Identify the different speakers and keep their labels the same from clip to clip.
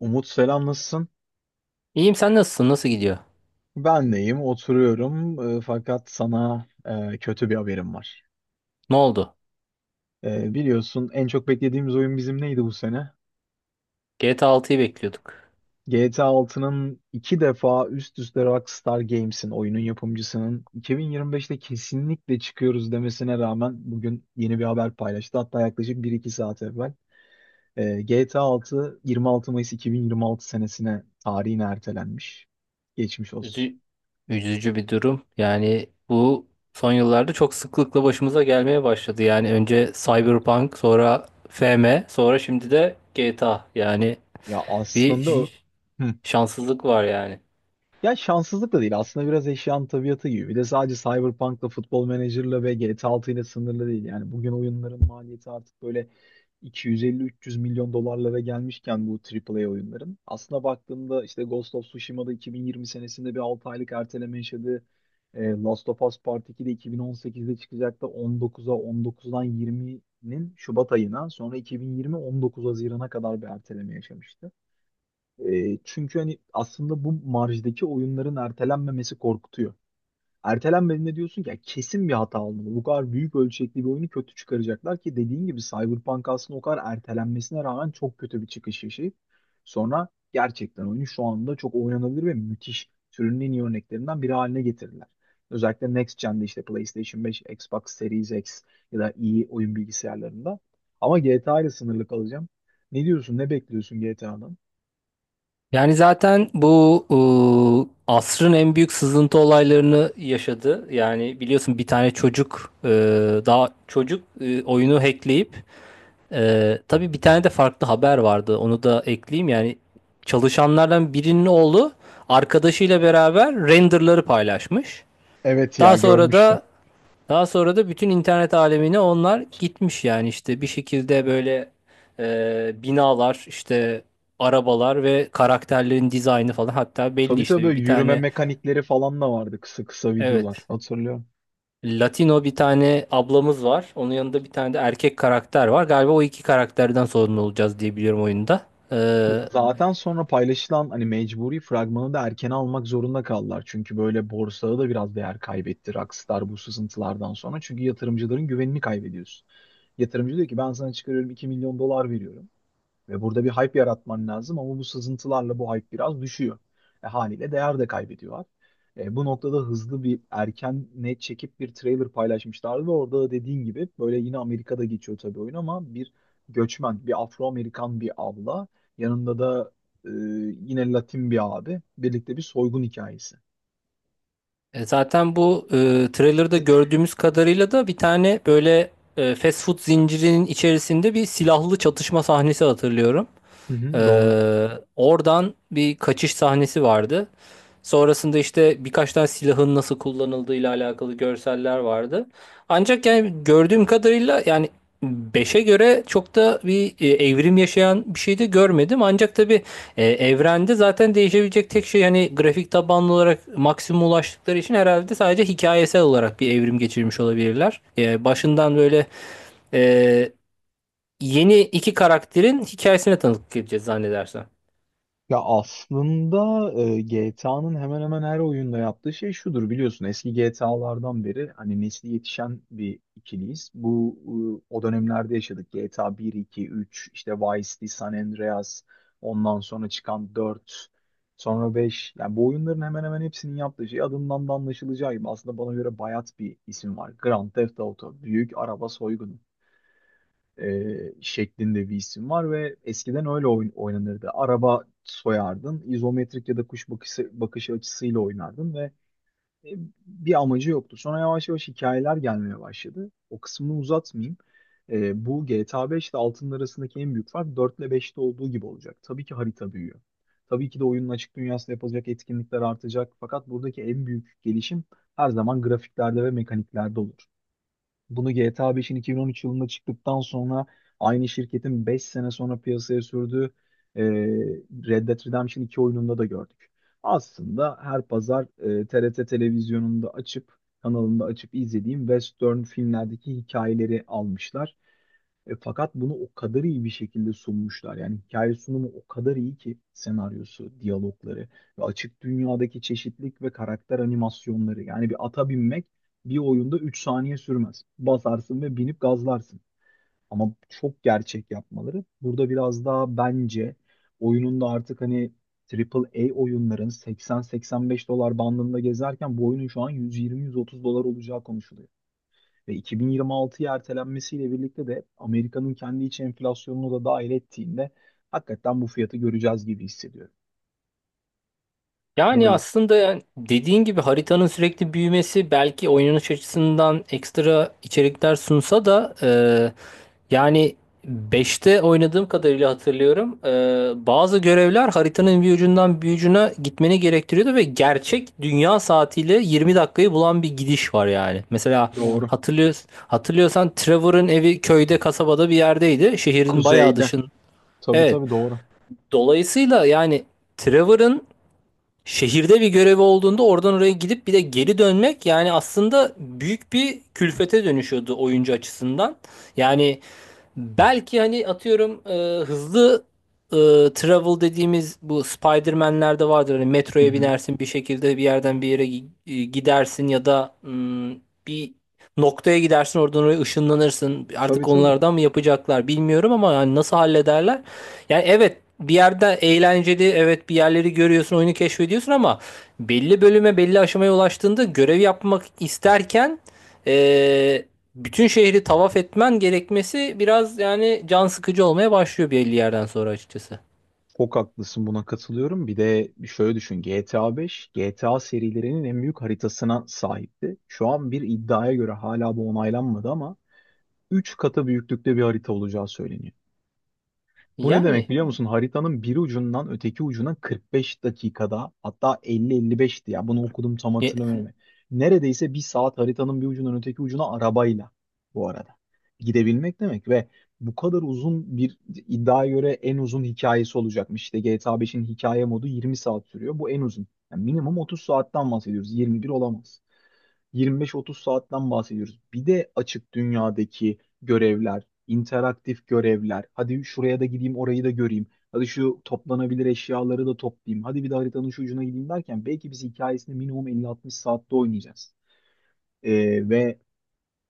Speaker 1: Umut, selam, nasılsın?
Speaker 2: İyiyim, sen nasılsın? Nasıl gidiyor?
Speaker 1: Ben deyim oturuyorum, fakat sana kötü bir haberim var.
Speaker 2: Ne oldu?
Speaker 1: Biliyorsun, en çok beklediğimiz oyun bizim neydi bu sene?
Speaker 2: GTA 6'yı bekliyorduk.
Speaker 1: GTA 6'nın iki defa üst üste Rockstar Games'in, oyunun yapımcısının, 2025'te kesinlikle çıkıyoruz demesine rağmen bugün yeni bir haber paylaştı. Hatta yaklaşık bir iki saat evvel. GTA 6 26 Mayıs 2026 senesine, tarihine ertelenmiş. Geçmiş olsun.
Speaker 2: Üzü- Üzücü bir durum. Yani bu son yıllarda çok sıklıkla başımıza gelmeye başladı. Yani önce Cyberpunk, sonra FM, sonra şimdi de GTA. Yani
Speaker 1: Ya
Speaker 2: bir
Speaker 1: aslında o. Hı.
Speaker 2: şanssızlık var yani.
Speaker 1: Ya şanssızlık da değil. Aslında biraz eşyanın tabiatı gibi. Bir de sadece Cyberpunk'la, Football Manager'la ve GTA 6 ile sınırlı değil. Yani bugün oyunların maliyeti artık böyle 250-300 milyon dolarlara gelmişken bu A A A oyunların. Aslında baktığımda işte Ghost of Tsushima'da 2020 senesinde bir 6 aylık erteleme yaşadığı, Last of Us Part 2 de 2018'de çıkacaktı. 19'a, 19'dan 20'nin Şubat ayına, sonra 2020 19 Haziran'a kadar bir erteleme yaşamıştı. Çünkü hani aslında bu marjdaki oyunların ertelenmemesi korkutuyor. Ertelenmediğinde diyorsun ki "Ya kesin bir hata olmalı. Bu kadar büyük ölçekli bir oyunu kötü çıkaracaklar" ki dediğin gibi Cyberpunk aslında o kadar ertelenmesine rağmen çok kötü bir çıkış yaşayıp sonra gerçekten oyunu şu anda çok oynanabilir ve müthiş, türünün en iyi örneklerinden biri haline getirdiler. Özellikle Next Gen'de, işte PlayStation 5, Xbox Series X ya da iyi oyun bilgisayarlarında. Ama GTA ile sınırlı kalacağım. Ne diyorsun, ne bekliyorsun GTA'dan?
Speaker 2: Yani zaten bu asrın en büyük sızıntı olaylarını yaşadı. Yani biliyorsun bir tane çocuk daha çocuk oyunu hackleyip... Tabii bir tane de farklı haber vardı. Onu da ekleyeyim. Yani çalışanlardan birinin oğlu arkadaşıyla beraber renderları paylaşmış.
Speaker 1: Evet, ya
Speaker 2: Daha sonra
Speaker 1: görmüştüm.
Speaker 2: da daha sonra da bütün internet alemine onlar gitmiş, yani işte bir şekilde böyle binalar, işte arabalar ve karakterlerin dizaynı falan, hatta belli
Speaker 1: Tabii tabii,
Speaker 2: işte bir,
Speaker 1: böyle
Speaker 2: bir
Speaker 1: yürüme
Speaker 2: tane,
Speaker 1: mekanikleri falan da vardı, kısa kısa videolar
Speaker 2: evet,
Speaker 1: hatırlıyorum.
Speaker 2: Latino bir tane ablamız var. Onun yanında bir tane de erkek karakter var. Galiba o iki karakterden sorumlu olacağız diye biliyorum oyunda. Ee,
Speaker 1: Zaten sonra paylaşılan hani mecburi fragmanı da erken almak zorunda kaldılar. Çünkü böyle borsada da biraz değer kaybetti Rockstar bu sızıntılardan sonra. Çünkü yatırımcıların güvenini kaybediyorsun. Yatırımcı diyor ki ben sana çıkarıyorum, 2 milyon dolar veriyorum. Ve burada bir hype yaratman lazım, ama bu sızıntılarla bu hype biraz düşüyor. Haliyle değer de kaybediyorlar. Bu noktada hızlı bir erken net çekip bir trailer paylaşmışlardı ve orada da dediğin gibi böyle yine Amerika'da geçiyor tabii oyun, ama bir göçmen, bir Afro-Amerikan bir abla, yanında da e, yine Latin bir abi, birlikte bir soygun hikayesi.
Speaker 2: Zaten bu trailer'da gördüğümüz kadarıyla da bir tane böyle fast food zincirinin içerisinde bir silahlı çatışma sahnesi hatırlıyorum.
Speaker 1: Hı
Speaker 2: E,
Speaker 1: hı, doğru.
Speaker 2: Oradan bir kaçış sahnesi vardı. Sonrasında işte birkaç tane silahın nasıl kullanıldığıyla alakalı görseller vardı. Ancak yani gördüğüm kadarıyla yani beşe göre çok da bir evrim yaşayan bir şey de görmedim. Ancak tabii evrende zaten değişebilecek tek şey, hani grafik tabanlı olarak maksimum ulaştıkları için, herhalde sadece hikayesel olarak bir evrim geçirmiş olabilirler. Başından böyle e, yeni iki karakterin hikayesine tanıklık edeceğiz zannedersem.
Speaker 1: Ya aslında GTA'nın hemen hemen her oyunda yaptığı şey şudur, biliyorsun eski GTA'lardan beri hani nesli yetişen bir ikiliyiz. Bu o dönemlerde yaşadık. GTA 1, 2, 3, işte Vice City, San Andreas, ondan sonra çıkan 4, sonra 5, yani bu oyunların hemen hemen hepsinin yaptığı şey adından da anlaşılacağı gibi aslında bana göre bayat bir isim var. Grand Theft Auto, büyük araba soygunu şeklinde bir isim var ve eskiden öyle oynanırdı. Araba soyardın, izometrik ya da kuş bakışı, bakış açısıyla oynardın ve e, bir amacı yoktu. Sonra yavaş yavaş hikayeler gelmeye başladı. O kısmını uzatmayayım. Bu GTA 5 ile 6'nın arasındaki en büyük fark 4 ile 5'te olduğu gibi olacak. Tabii ki harita büyüyor. Tabii ki de oyunun açık dünyasında yapılacak etkinlikler artacak. Fakat buradaki en büyük gelişim her zaman grafiklerde ve mekaniklerde olur. Bunu GTA 5'in 2013 yılında çıktıktan sonra aynı şirketin 5 sene sonra piyasaya sürdüğü e, Red Dead Redemption 2 oyununda da gördük. Aslında her pazar TRT televizyonunda açıp, kanalında açıp izlediğim western filmlerdeki hikayeleri almışlar, fakat bunu o kadar iyi bir şekilde sunmuşlar. Yani hikaye sunumu o kadar iyi ki, senaryosu, diyalogları ve açık dünyadaki çeşitlilik ve karakter animasyonları. Yani bir ata binmek bir oyunda 3 saniye sürmez. Basarsın ve binip gazlarsın. Ama çok gerçek yapmaları. Burada biraz daha bence oyunun da artık hani Triple A oyunların 80-85 dolar bandında gezerken bu oyunun şu an 120-130 dolar olacağı konuşuluyor. Ve 2026'ya ertelenmesiyle birlikte de Amerika'nın kendi iç enflasyonunu da dahil ettiğinde hakikaten bu fiyatı göreceğiz gibi hissediyorum.
Speaker 2: Yani
Speaker 1: Böyle.
Speaker 2: aslında, yani dediğin gibi haritanın sürekli büyümesi belki oynanış açısından ekstra içerikler sunsa da, yani beşte oynadığım kadarıyla hatırlıyorum. Bazı görevler haritanın bir ucundan bir ucuna gitmeni gerektiriyordu ve gerçek dünya saatiyle 20 dakikayı bulan bir gidiş var yani. Mesela
Speaker 1: Doğru.
Speaker 2: hatırlıyor, hatırlıyorsan Trevor'ın evi köyde, kasabada bir yerdeydi. Şehrin bayağı
Speaker 1: Kuzeyde.
Speaker 2: dışın.
Speaker 1: Tabii
Speaker 2: Evet.
Speaker 1: tabii, doğru.
Speaker 2: Dolayısıyla yani Trevor'ın şehirde bir görevi olduğunda oradan oraya gidip bir de geri dönmek, yani aslında büyük bir külfete dönüşüyordu oyuncu açısından. Yani belki hani atıyorum hızlı e, travel dediğimiz, bu Spider-Man'lerde vardır. Hani
Speaker 1: Hı
Speaker 2: metroya
Speaker 1: hı.
Speaker 2: binersin, bir şekilde bir yerden bir yere gidersin, ya da bir noktaya gidersin, oradan oraya ışınlanırsın.
Speaker 1: Tabii
Speaker 2: Artık
Speaker 1: tabii.
Speaker 2: onlardan mı yapacaklar bilmiyorum, ama yani nasıl hallederler? Yani evet, bir yerde eğlenceli, evet, bir yerleri görüyorsun, oyunu keşfediyorsun, ama belli bölüme, belli aşamaya ulaştığında görev yapmak isterken e, bütün şehri tavaf etmen gerekmesi biraz yani can sıkıcı olmaya başlıyor belli yerden sonra açıkçası.
Speaker 1: Çok haklısın, buna katılıyorum. Bir de şöyle düşün, GTA 5 GTA serilerinin en büyük haritasına sahipti. Şu an bir iddiaya göre, hala bu onaylanmadı ama, 3 katı büyüklükte bir harita olacağı söyleniyor. Bu ne demek
Speaker 2: Yani
Speaker 1: biliyor musun? Haritanın bir ucundan öteki ucuna 45 dakikada, hatta 50-55'ti ya, bunu okudum tam
Speaker 2: e-
Speaker 1: hatırlamıyorum. Neredeyse bir saat haritanın bir ucundan öteki ucuna arabayla, bu arada, gidebilmek demek. Ve bu kadar uzun bir, iddiaya göre en uzun hikayesi olacakmış. İşte GTA 5'in hikaye modu 20 saat sürüyor. Bu en uzun. Yani minimum 30 saatten bahsediyoruz. 21 olamaz. 25-30 saatten bahsediyoruz. Bir de açık dünyadaki görevler, interaktif görevler. Hadi şuraya da gideyim, orayı da göreyim. Hadi şu toplanabilir eşyaları da toplayayım. Hadi bir de haritanın şu ucuna gideyim derken belki biz hikayesini minimum 50-60 saatte oynayacağız. Ve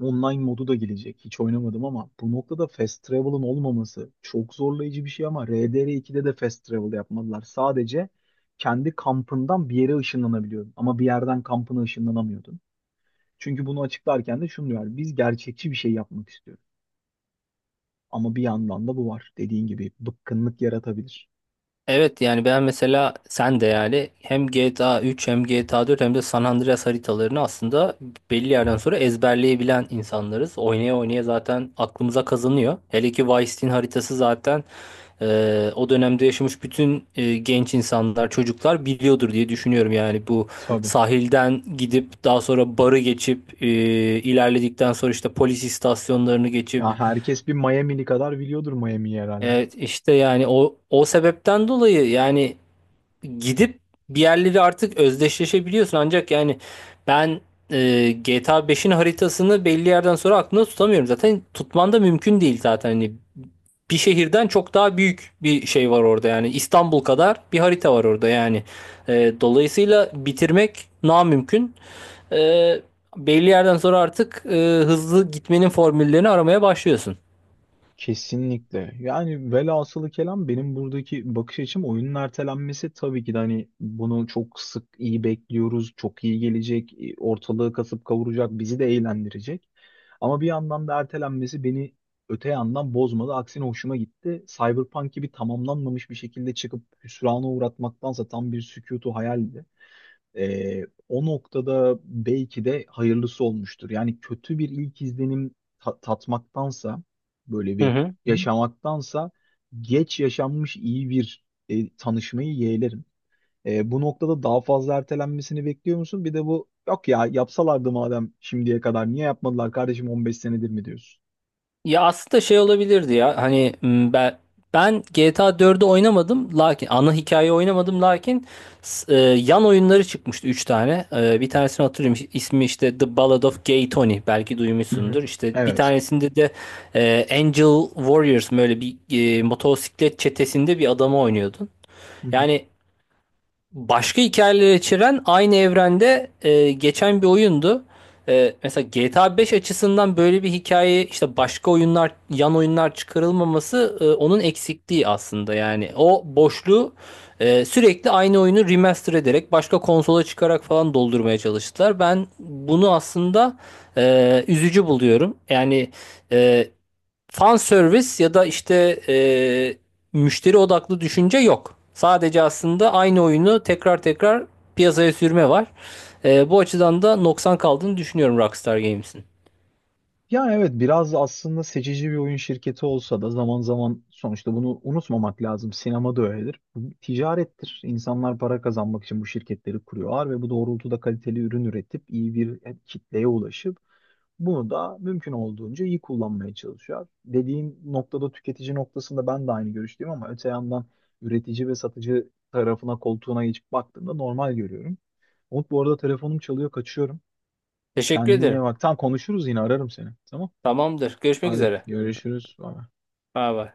Speaker 1: online modu da gelecek. Hiç oynamadım, ama bu noktada fast travel'ın olmaması çok zorlayıcı bir şey, ama RDR2'de de fast travel yapmadılar. Sadece kendi kampından bir yere ışınlanabiliyordun, ama bir yerden kampına ışınlanamıyordun. Çünkü bunu açıklarken de şunu diyor: biz gerçekçi bir şey yapmak istiyoruz. Ama bir yandan da bu var. Dediğin gibi bıkkınlık yaratabilir.
Speaker 2: evet, yani ben mesela, sen de yani, hem GTA 3 hem GTA 4 hem de San Andreas haritalarını aslında belli yerden sonra ezberleyebilen insanlarız. Oynaya oynaya zaten aklımıza kazanıyor. Hele ki Vice City'nin haritası zaten... O dönemde yaşamış bütün genç insanlar, çocuklar biliyordur diye düşünüyorum. Yani bu
Speaker 1: Tabii.
Speaker 2: sahilden gidip daha sonra barı geçip ilerledikten sonra işte polis istasyonlarını
Speaker 1: Ya
Speaker 2: geçip,
Speaker 1: herkes bir Miami'li kadar biliyordur Miami'yi herhalde.
Speaker 2: evet, işte yani o sebepten dolayı yani gidip bir yerleri artık özdeşleşebiliyorsun. Ancak yani ben GTA beş'in haritasını belli yerden sonra aklımda tutamıyorum. Zaten tutman da mümkün değil zaten. Hani bir şehirden çok daha büyük bir şey var orada yani. İstanbul kadar bir harita var orada yani. Dolayısıyla bitirmek namümkün. E, Belli yerden sonra artık hızlı gitmenin formüllerini aramaya başlıyorsun.
Speaker 1: Kesinlikle. Yani velhasılı kelam, benim buradaki bakış açım, oyunun ertelenmesi tabii ki de hani, bunu çok sık iyi bekliyoruz. Çok iyi gelecek. Ortalığı kasıp kavuracak. Bizi de eğlendirecek. Ama bir yandan da ertelenmesi beni öte yandan bozmadı. Aksine hoşuma gitti. Cyberpunk gibi tamamlanmamış bir şekilde çıkıp hüsrana uğratmaktansa, tam bir sükutu hayaldi. O noktada belki de hayırlısı olmuştur. Yani kötü bir ilk izlenim tatmaktansa, böyle
Speaker 2: Hı
Speaker 1: bir Hı?
Speaker 2: hı.
Speaker 1: yaşamaktansa, geç yaşanmış iyi bir tanışmayı yeğlerim. Bu noktada daha fazla ertelenmesini bekliyor musun? Bir de bu, yok ya, yapsalardı madem şimdiye kadar niye yapmadılar kardeşim, 15 senedir mi diyorsun?
Speaker 2: Ya aslında şey olabilirdi, ya hani, ben GTA 4'ü oynamadım, lakin ana hikayeyi oynamadım lakin yan oyunları çıkmıştı, 3 tane. Bir tanesini hatırlıyorum, ismi işte The Ballad of Gay Tony, belki
Speaker 1: Hı hı.
Speaker 2: duymuşsundur. İşte bir
Speaker 1: Evet.
Speaker 2: tanesinde de Angel Warriors, böyle bir motosiklet çetesinde bir adamı oynuyordun. Yani başka hikayeler içeren, aynı evrende geçen bir oyundu. Mesela GTA 5 açısından böyle bir hikaye, işte başka oyunlar, yan oyunlar çıkarılmaması, onun eksikliği aslında, yani o boşluğu sürekli aynı oyunu remaster ederek, başka konsola çıkarak falan doldurmaya çalıştılar. Ben bunu aslında üzücü buluyorum. Yani e, fan service ya da işte e, müşteri odaklı düşünce yok. Sadece aslında aynı oyunu tekrar tekrar piyasaya sürme var. Bu açıdan da noksan kaldığını düşünüyorum Rockstar Games'in.
Speaker 1: Yani evet, biraz aslında seçici bir oyun şirketi olsa da zaman zaman, sonuçta bunu unutmamak lazım. Sinema da öyledir. Bu bir ticarettir. İnsanlar para kazanmak için bu şirketleri kuruyorlar ve bu doğrultuda kaliteli ürün üretip iyi bir kitleye ulaşıp bunu da mümkün olduğunca iyi kullanmaya çalışıyor. Dediğin noktada, tüketici noktasında ben de aynı görüşteyim, ama öte yandan üretici ve satıcı tarafına, koltuğuna geçip baktığımda normal görüyorum. Umut, bu arada telefonum çalıyor, kaçıyorum.
Speaker 2: Teşekkür
Speaker 1: Kendine iyi
Speaker 2: ederim.
Speaker 1: bak. Tam konuşuruz, yine ararım seni. Tamam.
Speaker 2: Tamamdır. Görüşmek
Speaker 1: Hadi
Speaker 2: üzere.
Speaker 1: görüşürüz. Bye.
Speaker 2: Bay bay.